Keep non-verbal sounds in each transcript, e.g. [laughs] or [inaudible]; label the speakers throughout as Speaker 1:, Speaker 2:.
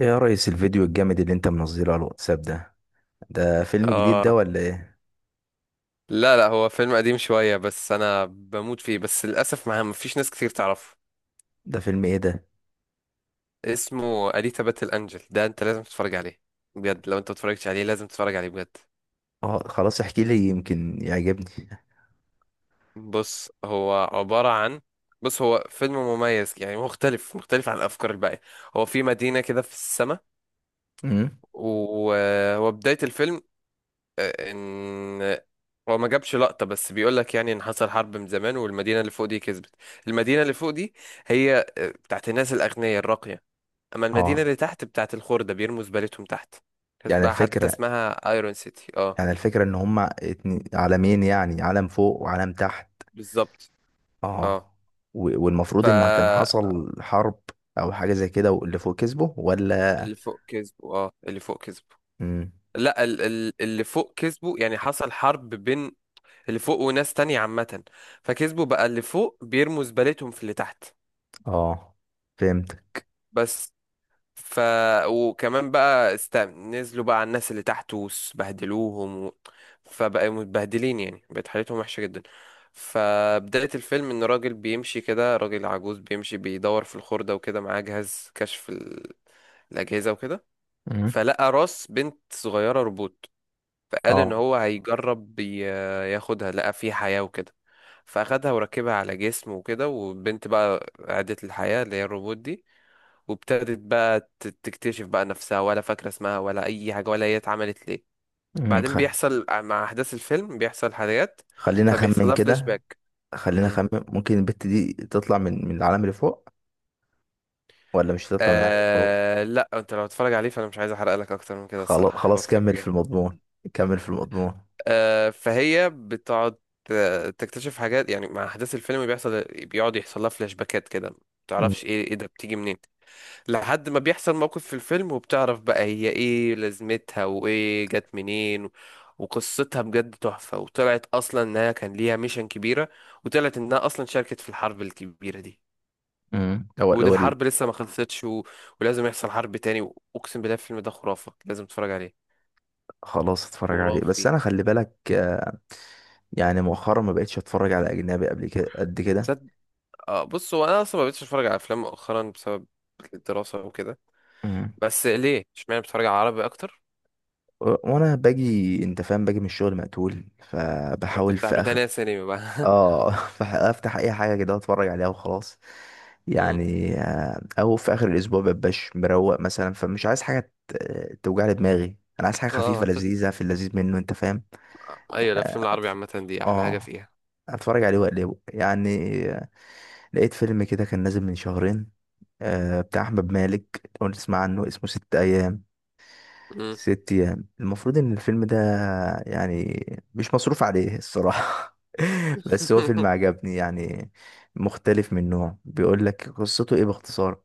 Speaker 1: ايه يا ريس، الفيديو الجامد اللي انت منزله على الواتساب ده فيلم جديد
Speaker 2: اه،
Speaker 1: ده ولا ايه؟
Speaker 2: لا لا هو فيلم قديم شوية بس أنا بموت فيه. بس للأسف ما مفيش ناس كتير تعرفه.
Speaker 1: ده فيلم ايه ده؟
Speaker 2: اسمه أليتا باتل أنجل، ده أنت لازم تتفرج عليه بجد. لو أنت متفرجتش عليه لازم تتفرج عليه بجد.
Speaker 1: اه، خلاص احكي لي يمكن يعجبني.
Speaker 2: بص هو عبارة عن بص هو فيلم مميز، يعني مختلف عن الأفكار الباقية. هو في مدينة كده في السماء،
Speaker 1: امم.
Speaker 2: وهو بداية الفيلم آه، ان هو ما جابش لقطة، بس بيقول لك يعني ان حصل حرب من زمان والمدينة اللي فوق دي كسبت. المدينة اللي فوق دي هي بتاعت الناس الأغنياء الراقية. اما المدينة
Speaker 1: اه،
Speaker 2: اللي تحت بتاعت الخردة، بيرموا زبالتهم تحت.
Speaker 1: يعني
Speaker 2: كسبها، حتى
Speaker 1: الفكرة
Speaker 2: اسمها ايرون سيتي. اه،
Speaker 1: يعني الفكرة ان هما اتنين عالمين، يعني عالم فوق وعالم تحت.
Speaker 2: بالظبط. اه.
Speaker 1: اه، و- والمفروض ان كان
Speaker 2: ف
Speaker 1: حصل حرب او حاجة زي كده، واللي فوق كسبه ولا؟
Speaker 2: اللي فوق كسبوا، اه، اللي فوق كسبوا.
Speaker 1: امم.
Speaker 2: لا اللي فوق كسبوا، يعني حصل حرب بين اللي فوق وناس تانية عامة. فكسبوا بقى اللي فوق، بيرموا زبالتهم في اللي تحت.
Speaker 1: اه، فهمت.
Speaker 2: بس. ف وكمان بقى نزلوا بقى على الناس اللي تحت وبهدلوهم و... فبقى متبهدلين، يعني بقت حالتهم وحشة جدا. فبداية الفيلم إن راجل بيمشي كده، راجل عجوز بيمشي بيدور في الخردة وكده، معاه جهاز كشف الأجهزة وكده.
Speaker 1: امم.
Speaker 2: فلقى راس بنت صغيرة روبوت. فقال إن
Speaker 1: اه.
Speaker 2: هو هيجرب ياخدها. لقى فيه حياة وكده، فأخدها وركبها على جسمه وكده، والبنت بقى عادت للحياة، اللي هي الروبوت دي. وابتدت بقى تكتشف بقى نفسها، ولا فاكرة اسمها ولا أي حاجة ولا هي اتعملت ليه.
Speaker 1: امم
Speaker 2: بعدين
Speaker 1: خ...
Speaker 2: بيحصل مع أحداث الفيلم، بيحصل حاجات،
Speaker 1: خلينا
Speaker 2: فبيحصل
Speaker 1: اخمن
Speaker 2: لها [laughs] فلاش
Speaker 1: كده،
Speaker 2: باك.
Speaker 1: خلينا
Speaker 2: مم.
Speaker 1: اخمن ممكن البت دي تطلع من العالم اللي فوق، ولا مش هتطلع من عقلك هو؟
Speaker 2: آه لا، انت لو هتتفرج عليه فانا مش عايز احرق لك اكتر من كده،
Speaker 1: خلاص
Speaker 2: الصراحه. [laughs] هو
Speaker 1: خلاص،
Speaker 2: فيلم
Speaker 1: كمل في
Speaker 2: جامد.
Speaker 1: المضمون، كمل في المضمون.
Speaker 2: فهي بتقعد تكتشف حاجات، يعني مع احداث الفيلم بيحصل، بيقعد يحصل لها فلاش باكات كده، ما
Speaker 1: م-
Speaker 2: تعرفش ايه ايه ده، بتيجي منين. لحد ما بيحصل موقف في الفيلم، وبتعرف بقى هي ايه لازمتها، وايه جت منين وقصتها بجد تحفة. وطلعت اصلا انها كان ليها ميشن كبيرة، وطلعت انها اصلا شاركت في الحرب الكبيرة دي.
Speaker 1: م. هو
Speaker 2: وان
Speaker 1: الأول.
Speaker 2: الحرب لسه ما خلصتش ولازم يحصل حرب تاني. واقسم بالله الفيلم ده خرافة، لازم تتفرج عليه.
Speaker 1: خلاص اتفرج عليه،
Speaker 2: خرافي.
Speaker 1: بس انا خلي بالك. يعني مؤخرا ما بقتش اتفرج على اجنبي قبل كده قد كده.
Speaker 2: صد... آه بص، هو انا اصلا ما بقتش اتفرج على افلام مؤخرا بسبب الدراسة وكده.
Speaker 1: م.
Speaker 2: بس ليه اشمعنى بتتفرج على عربي اكتر؟
Speaker 1: وانا باجي، انت فاهم، باجي من الشغل مقتول،
Speaker 2: لا،
Speaker 1: فبحاول
Speaker 2: بتفتح
Speaker 1: في اخر.
Speaker 2: روتانا سينما بقى.
Speaker 1: اه. [laughs] فافتح اي حاجه كده اتفرج عليها وخلاص.
Speaker 2: [laughs] مم.
Speaker 1: يعني، او في اخر الاسبوع مبقاش مروق مثلا، فمش عايز حاجه توجع لي دماغي، انا عايز حاجه خفيفه
Speaker 2: اه
Speaker 1: لذيذه، في اللذيذ منه، انت فاهم؟
Speaker 2: ايوه،
Speaker 1: آه،
Speaker 2: الافلام العربي عامه دي احلى حاجه
Speaker 1: اه،
Speaker 2: فيها.
Speaker 1: اتفرج عليه واقلبه يعني. لقيت فيلم كده كان نازل من شهرين، بتاع احمد مالك، لو أنت تسمع عنه اسمه ست ايام.
Speaker 2: مم.
Speaker 1: ست ايام، المفروض ان الفيلم ده، يعني، مش مصروف عليه الصراحة. [laughs] بس هو فيلم
Speaker 2: [laughs]
Speaker 1: عجبني يعني، مختلف، من نوع بيقول لك قصته ايه باختصار.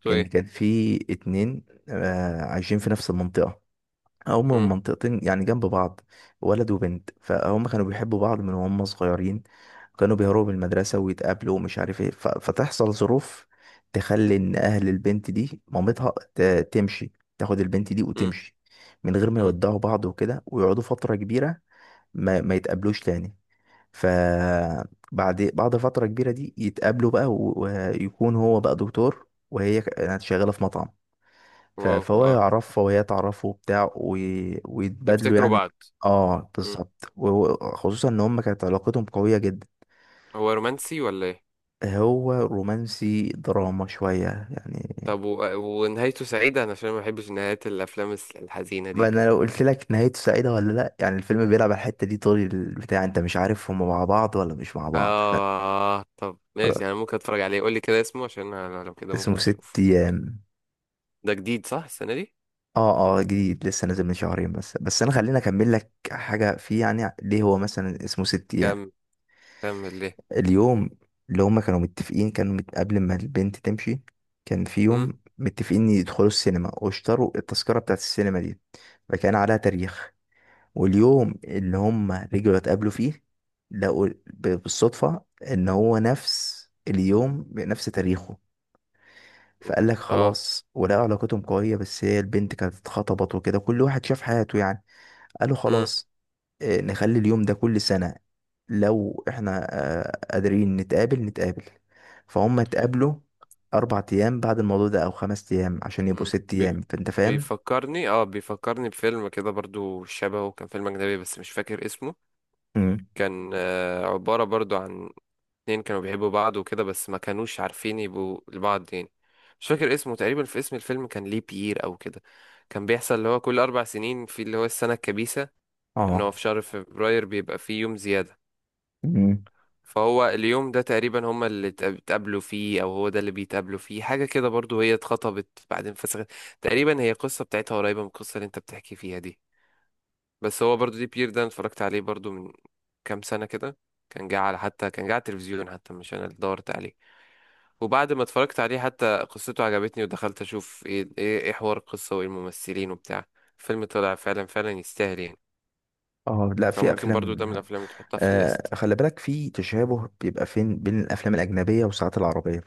Speaker 2: تو
Speaker 1: ان
Speaker 2: ايه؟
Speaker 1: كان في اتنين عايشين في نفس المنطقة، هما من
Speaker 2: مم.
Speaker 1: منطقتين يعني جنب بعض، ولد وبنت، فهم كانوا بيحبوا بعض من وهم صغيرين، كانوا بيهربوا من المدرسة ويتقابلوا ومش عارف ايه. فتحصل ظروف تخلي ان اهل البنت دي، مامتها تمشي، تاخد البنت دي
Speaker 2: مم.
Speaker 1: وتمشي من غير ما
Speaker 2: مم.
Speaker 1: يودعوا بعض وكده، ويقعدوا فترة كبيرة ما يتقابلوش تاني. ف بعد فترة كبيرة دي يتقابلوا بقى، ويكون هو بقى دكتور، وهي كانت شغالة في مطعم.
Speaker 2: واو،
Speaker 1: فهو
Speaker 2: اه،
Speaker 1: يعرفها وهي تعرفه وبتاع، ويتبادلوا
Speaker 2: يفتكروا
Speaker 1: يعني.
Speaker 2: بعض.
Speaker 1: اه،
Speaker 2: مم.
Speaker 1: بالظبط، وخصوصا ان هما كانت علاقتهم قوية جدا.
Speaker 2: هو رومانسي ولا ايه؟
Speaker 1: هو رومانسي دراما شوية يعني.
Speaker 2: طب ونهايته سعيده، انا عشان ما بحبش نهايات الافلام الحزينه
Speaker 1: ما
Speaker 2: دي.
Speaker 1: انا لو قلت لك نهايته سعيدة ولا لا، يعني الفيلم بيلعب على الحتة دي طول البتاع، انت مش عارف هما مع بعض ولا مش مع بعض. [laughs]
Speaker 2: اه طب ماشي، انا ممكن اتفرج عليه. قول لي كده اسمه، عشان أنا لو كده ممكن
Speaker 1: اسمه ست
Speaker 2: اشوف.
Speaker 1: ايام.
Speaker 2: ده جديد صح؟ السنه دي؟
Speaker 1: اه، اه، جديد، لسه نازل من شهرين. بس انا خليني اكمل لك حاجة فيه، يعني ليه هو مثلا اسمه ست ايام.
Speaker 2: كم كمل ليه.
Speaker 1: اليوم اللي هما كانوا متفقين، كانوا قبل ما البنت تمشي، كان في
Speaker 2: مم.
Speaker 1: يوم متفقين يدخلوا السينما، واشتروا التذكرة بتاعت السينما دي، فكان عليها تاريخ. واليوم اللي هما رجعوا اتقابلوا فيه، لقوا بالصدفة ان هو نفس اليوم بنفس تاريخه. فقال لك
Speaker 2: اه.
Speaker 1: خلاص، ولقوا علاقتهم قوية، بس هي البنت كانت اتخطبت وكده، كل واحد شاف حياته يعني. قالوا
Speaker 2: مم.
Speaker 1: خلاص، نخلي اليوم ده كل سنة، لو احنا قادرين نتقابل، نتقابل. فهم اتقابلوا 4 أيام بعد الموضوع ده، أو 5 أيام، عشان يبقوا
Speaker 2: مم.
Speaker 1: ست
Speaker 2: بي...
Speaker 1: أيام فأنت فاهم؟
Speaker 2: بيفكرني بفيلم كده برضو شبهه، كان فيلم اجنبي بس مش فاكر اسمه.
Speaker 1: امم.
Speaker 2: كان عبارة برضو عن اتنين كانوا بيحبوا بعض وكده، بس ما كانوش عارفين يبقوا لبعض يعني. مش فاكر اسمه، تقريبا في اسم الفيلم كان ليه بيير او كده. كان بيحصل اللي هو كل اربع سنين، في اللي هو السنة الكبيسة. ان هو في
Speaker 1: اه.
Speaker 2: شهر فبراير بيبقى فيه يوم زيادة.
Speaker 1: امم.
Speaker 2: فهو اليوم ده تقريبا هما اللي اتقابلوا فيه، او هو ده اللي بيتقابلوا فيه حاجة كده برضو. هي اتخطبت بعدين فسخت. تقريبا هي قصة بتاعتها قريبة من القصة اللي انت بتحكي فيها دي. بس هو برضو دي بير ده، أنا اتفرجت عليه برضو من كام سنة كده. كان جه على، حتى كان جه على التلفزيون، حتى مش انا اللي دورت عليه. وبعد ما اتفرجت عليه حتى قصته عجبتني، ودخلت اشوف إيه حوار القصة وايه الممثلين وبتاع. الفيلم طلع فعلا فعلا يستاهل يعني.
Speaker 1: اه، لا، في
Speaker 2: فممكن برضو
Speaker 1: أفلام
Speaker 2: ده من
Speaker 1: حلوة.
Speaker 2: الافلام اللي تحطها في الليست.
Speaker 1: خلي بالك، في تشابه بيبقى فين بين الأفلام الأجنبية والساعات العربية،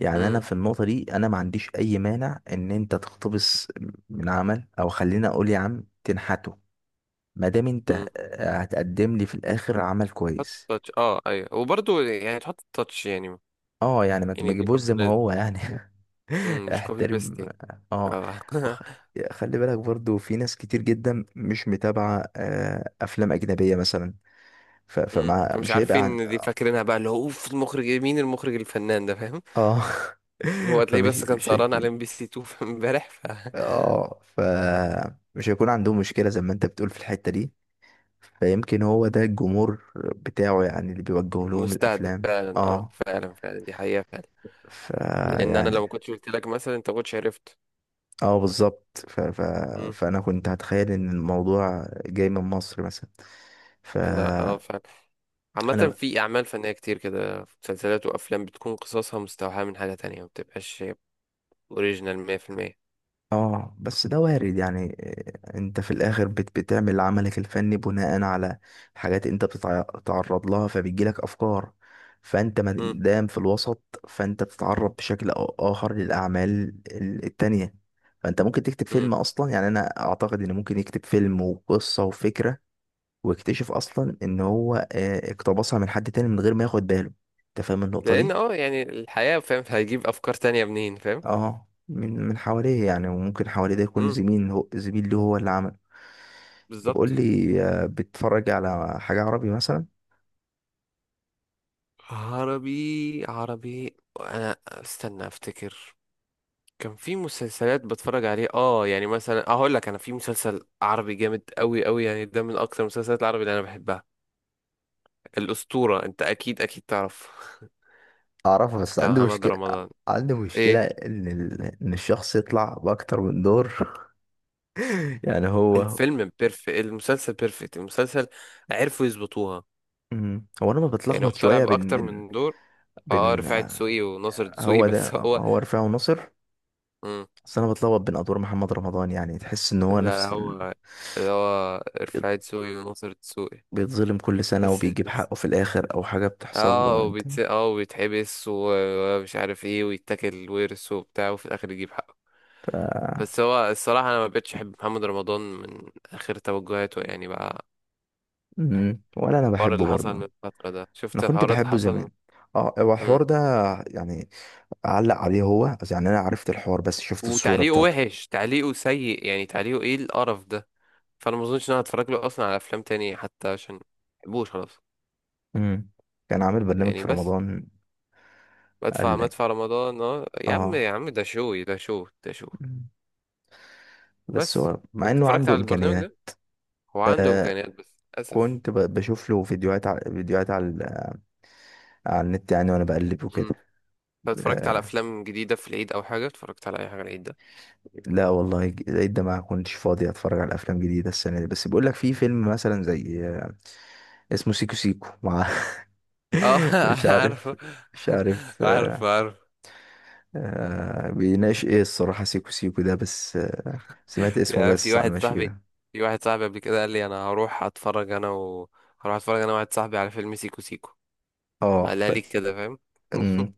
Speaker 1: يعني أنا
Speaker 2: امم.
Speaker 1: في النقطة دي، أنا ما عنديش أي مانع إن أنت تقتبس من عمل، أو خلينا أقول يا عم تنحته، ما دام أنت
Speaker 2: امم.
Speaker 1: هتقدم لي في الآخر عمل
Speaker 2: حط
Speaker 1: كويس.
Speaker 2: التاتش، اه ايوه، وبرضو يعني تحط التاتش يعني.
Speaker 1: اه، يعني ما
Speaker 2: يعني دي
Speaker 1: تجيبوش
Speaker 2: برضو
Speaker 1: زي ما
Speaker 2: لازم.
Speaker 1: هو يعني. [laughs]
Speaker 2: امم. مش كوبي بيست
Speaker 1: احترم.
Speaker 2: يعني.
Speaker 1: اه.
Speaker 2: اه. [laughs]
Speaker 1: وخ... خلي بالك برضو، في ناس كتير جدا مش متابعة افلام اجنبية مثلا، ف...
Speaker 2: امم،
Speaker 1: فمع
Speaker 2: فمش
Speaker 1: مش هيبقى عن.
Speaker 2: عارفين دي، فاكرينها بقى اللي هو اوف، المخرج إيه؟ مين المخرج الفنان ده فاهم؟
Speaker 1: اه.
Speaker 2: هو
Speaker 1: [laughs]
Speaker 2: تلاقيه
Speaker 1: فمش
Speaker 2: بس كان
Speaker 1: مش
Speaker 2: سهران على
Speaker 1: هيكون.
Speaker 2: ام بي سي 2 [laughs] في امبارح.
Speaker 1: اه، فمش هيكون عندهم مشكلة زي ما انت بتقول في الحتة دي، فيمكن هو ده الجمهور بتاعه، يعني اللي بيوجه لهم
Speaker 2: فمستهدف. [laughs]
Speaker 1: الافلام.
Speaker 2: فعلا
Speaker 1: اه،
Speaker 2: فعلا فعلا، دي حقيقة فعلا. لان انا لو
Speaker 1: فيعني،
Speaker 2: ما كنتش قلت لك مثلا، انت ما كنتش عرفت.
Speaker 1: اه، بالظبط.
Speaker 2: مم.
Speaker 1: فانا كنت هتخيل ان الموضوع جاي من مصر مثلا.
Speaker 2: لا اه
Speaker 1: فانا
Speaker 2: فعلا.
Speaker 1: ب...
Speaker 2: عامة في اعمال فنية كتير كده، مسلسلات وافلام بتكون قصصها مستوحاة من حاجة تانية، ما بتبقاش اوريجينال 100%.
Speaker 1: اه، بس ده وارد، يعني إيه، انت في الاخر بتعمل عملك الفني بناء على حاجات انت بتتعرض لها، فبيجيلك افكار، فانت ما
Speaker 2: مم.
Speaker 1: دام في الوسط، فانت بتتعرض بشكل أو اخر للاعمال التانية. فانت ممكن تكتب
Speaker 2: مم.
Speaker 1: فيلم اصلا، يعني انا اعتقد ان ممكن يكتب فيلم وقصة وفكرة، واكتشف اصلا ان هو اقتبسها من حد تاني من غير ما ياخد باله. انت فاهم النقطة
Speaker 2: لان
Speaker 1: دي؟
Speaker 2: يعني الحياة، فاهم؟ [laughs] هيجيب افكار تانية منين، فاهم؟
Speaker 1: اه، من حواليه يعني، وممكن حواليه ده يكون
Speaker 2: مم.
Speaker 1: زميل، هو زميل له هو اللي عمل. طب قول
Speaker 2: بالظبط.
Speaker 1: لي، بتتفرج على حاجة عربي مثلا؟
Speaker 2: عربي، عربي انا، استنى افتكر. كان في مسلسلات بتفرج عليه، اه، يعني مثلا اقول لك انا في مسلسل عربي جامد قوي قوي، يعني ده من اكتر المسلسلات العربي اللي انا بحبها. الاسطوره، انت اكيد اكيد تعرف. [laughs]
Speaker 1: اعرفها، بس
Speaker 2: بتاع
Speaker 1: عندي
Speaker 2: محمد
Speaker 1: مشكلة،
Speaker 2: رمضان. ايه.
Speaker 1: ان ان الشخص يطلع باكتر من دور. [laughs] يعني هو.
Speaker 2: الفيلم بيرفكت، المسلسل بيرفكت، المسلسل عرفوا يظبطوها.
Speaker 1: مم. هو انا ما
Speaker 2: يعني هو
Speaker 1: بتلخبط
Speaker 2: طالع
Speaker 1: شوية بين
Speaker 2: باكتر
Speaker 1: بين
Speaker 2: من دور. اه،
Speaker 1: بين
Speaker 2: رفاعي دسوقي وناصر دسوقي. [laughs]
Speaker 1: هو ده،
Speaker 2: بس هو.
Speaker 1: هو رفاعي وناصر.
Speaker 2: مم.
Speaker 1: بس انا بتلخبط بين ادوار محمد رمضان، يعني تحس ان هو
Speaker 2: لا،
Speaker 1: نفس
Speaker 2: هو
Speaker 1: ال...
Speaker 2: اللي هو رفاعي دسوقي وناصر دسوقي.
Speaker 1: بيتظلم كل سنة
Speaker 2: بس
Speaker 1: وبيجيب حقه في الآخر، أو حاجة بتحصل له أنت.
Speaker 2: وبيتحبس ومش عارف ايه، ويتاكل ورث وبتاع، وفي الاخر يجيب حقه.
Speaker 1: ف...
Speaker 2: بس هو الصراحة انا ما بقتش احب محمد رمضان من اخر توجهاته يعني بقى.
Speaker 1: مم. ولا أنا
Speaker 2: الحوار
Speaker 1: بحبه
Speaker 2: اللي حصل
Speaker 1: برضه.
Speaker 2: من الفترة ده،
Speaker 1: أنا
Speaker 2: شفت
Speaker 1: كنت
Speaker 2: الحوارات اللي
Speaker 1: بحبه
Speaker 2: حصل من...
Speaker 1: زمان. اه، هو
Speaker 2: مم.
Speaker 1: الحوار ده، يعني أعلق عليه هو بس، يعني أنا عرفت الحوار بس شفت الصورة
Speaker 2: وتعليقه
Speaker 1: بتاعته.
Speaker 2: وحش، تعليقه سيء يعني، تعليقه ايه القرف ده. فانا ما اظنش ان انا هتفرج له اصلا على افلام تانية حتى، عشان ما بحبوش خلاص.
Speaker 1: مم. كان عامل برنامج
Speaker 2: يعني
Speaker 1: في
Speaker 2: بس،
Speaker 1: رمضان،
Speaker 2: بدفع
Speaker 1: قال لي.
Speaker 2: مدفع رمضان، اه يا عم، يا
Speaker 1: اه.
Speaker 2: عم ده شو ده شو ده شو.
Speaker 1: مم. بس
Speaker 2: بس
Speaker 1: هو مع
Speaker 2: انت
Speaker 1: إنه
Speaker 2: اتفرجت
Speaker 1: عنده
Speaker 2: على البرنامج
Speaker 1: إمكانيات.
Speaker 2: ده؟ هو عنده
Speaker 1: آه
Speaker 2: امكانيات بس للاسف.
Speaker 1: كنت بشوف له فيديوهات على النت يعني، وأنا بقلب وكده.
Speaker 2: امم. طب اتفرجت على
Speaker 1: آه،
Speaker 2: افلام جديده في العيد او حاجه؟ اتفرجت على اي حاجه العيد ده؟
Speaker 1: لا والله، العيد ده ما كنتش فاضي اتفرج على افلام جديده السنه دي، بس بيقول لك في فيلم مثلا زي، اسمه سيكو سيكو، مع [laughs]
Speaker 2: اه [laughs]
Speaker 1: مش
Speaker 2: انا
Speaker 1: عارف،
Speaker 2: عارفه.
Speaker 1: مش عارف
Speaker 2: [laughs] عارف
Speaker 1: آه،
Speaker 2: عارف.
Speaker 1: بيناقش ايه الصراحه سيكو سيكو ده. بس سمعت اسمه
Speaker 2: يعني في
Speaker 1: بس على
Speaker 2: واحد
Speaker 1: ماشي
Speaker 2: صاحبي
Speaker 1: كده.
Speaker 2: في واحد صاحبي قبل كده قال لي انا هروح اتفرج انا و هروح اتفرج انا واحد صاحبي على فيلم سيكو سيكو.
Speaker 1: اه.
Speaker 2: قالها لي كده، فاهم؟ [laughs]
Speaker 1: مم.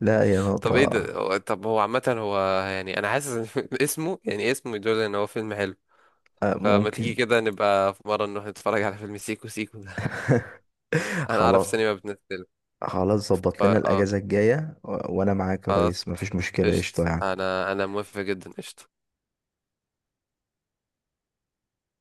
Speaker 1: لا، هي
Speaker 2: طب ايه
Speaker 1: نقطه.
Speaker 2: ده، هو- طب هو عامة، هو يعني انا حاسس ان [laughs] اسمه، يعني اسمه يدل ان هو فيلم حلو. فما تيجي
Speaker 1: ممكن.
Speaker 2: كده نبقى في مرة نروح نتفرج على فيلم سيكو سيكو ده.
Speaker 1: [laughs]
Speaker 2: [laughs] انا اعرف
Speaker 1: خلاص،
Speaker 2: سينما بتنزل.
Speaker 1: خلاص،
Speaker 2: ف-
Speaker 1: ظبط لنا
Speaker 2: اه
Speaker 1: الاجازه الجايه وانا معاك يا ريس،
Speaker 2: خلاص.
Speaker 1: مفيش مشكله، قشطه
Speaker 2: قشط.
Speaker 1: يعني.
Speaker 2: انا موافق جدا. قشط.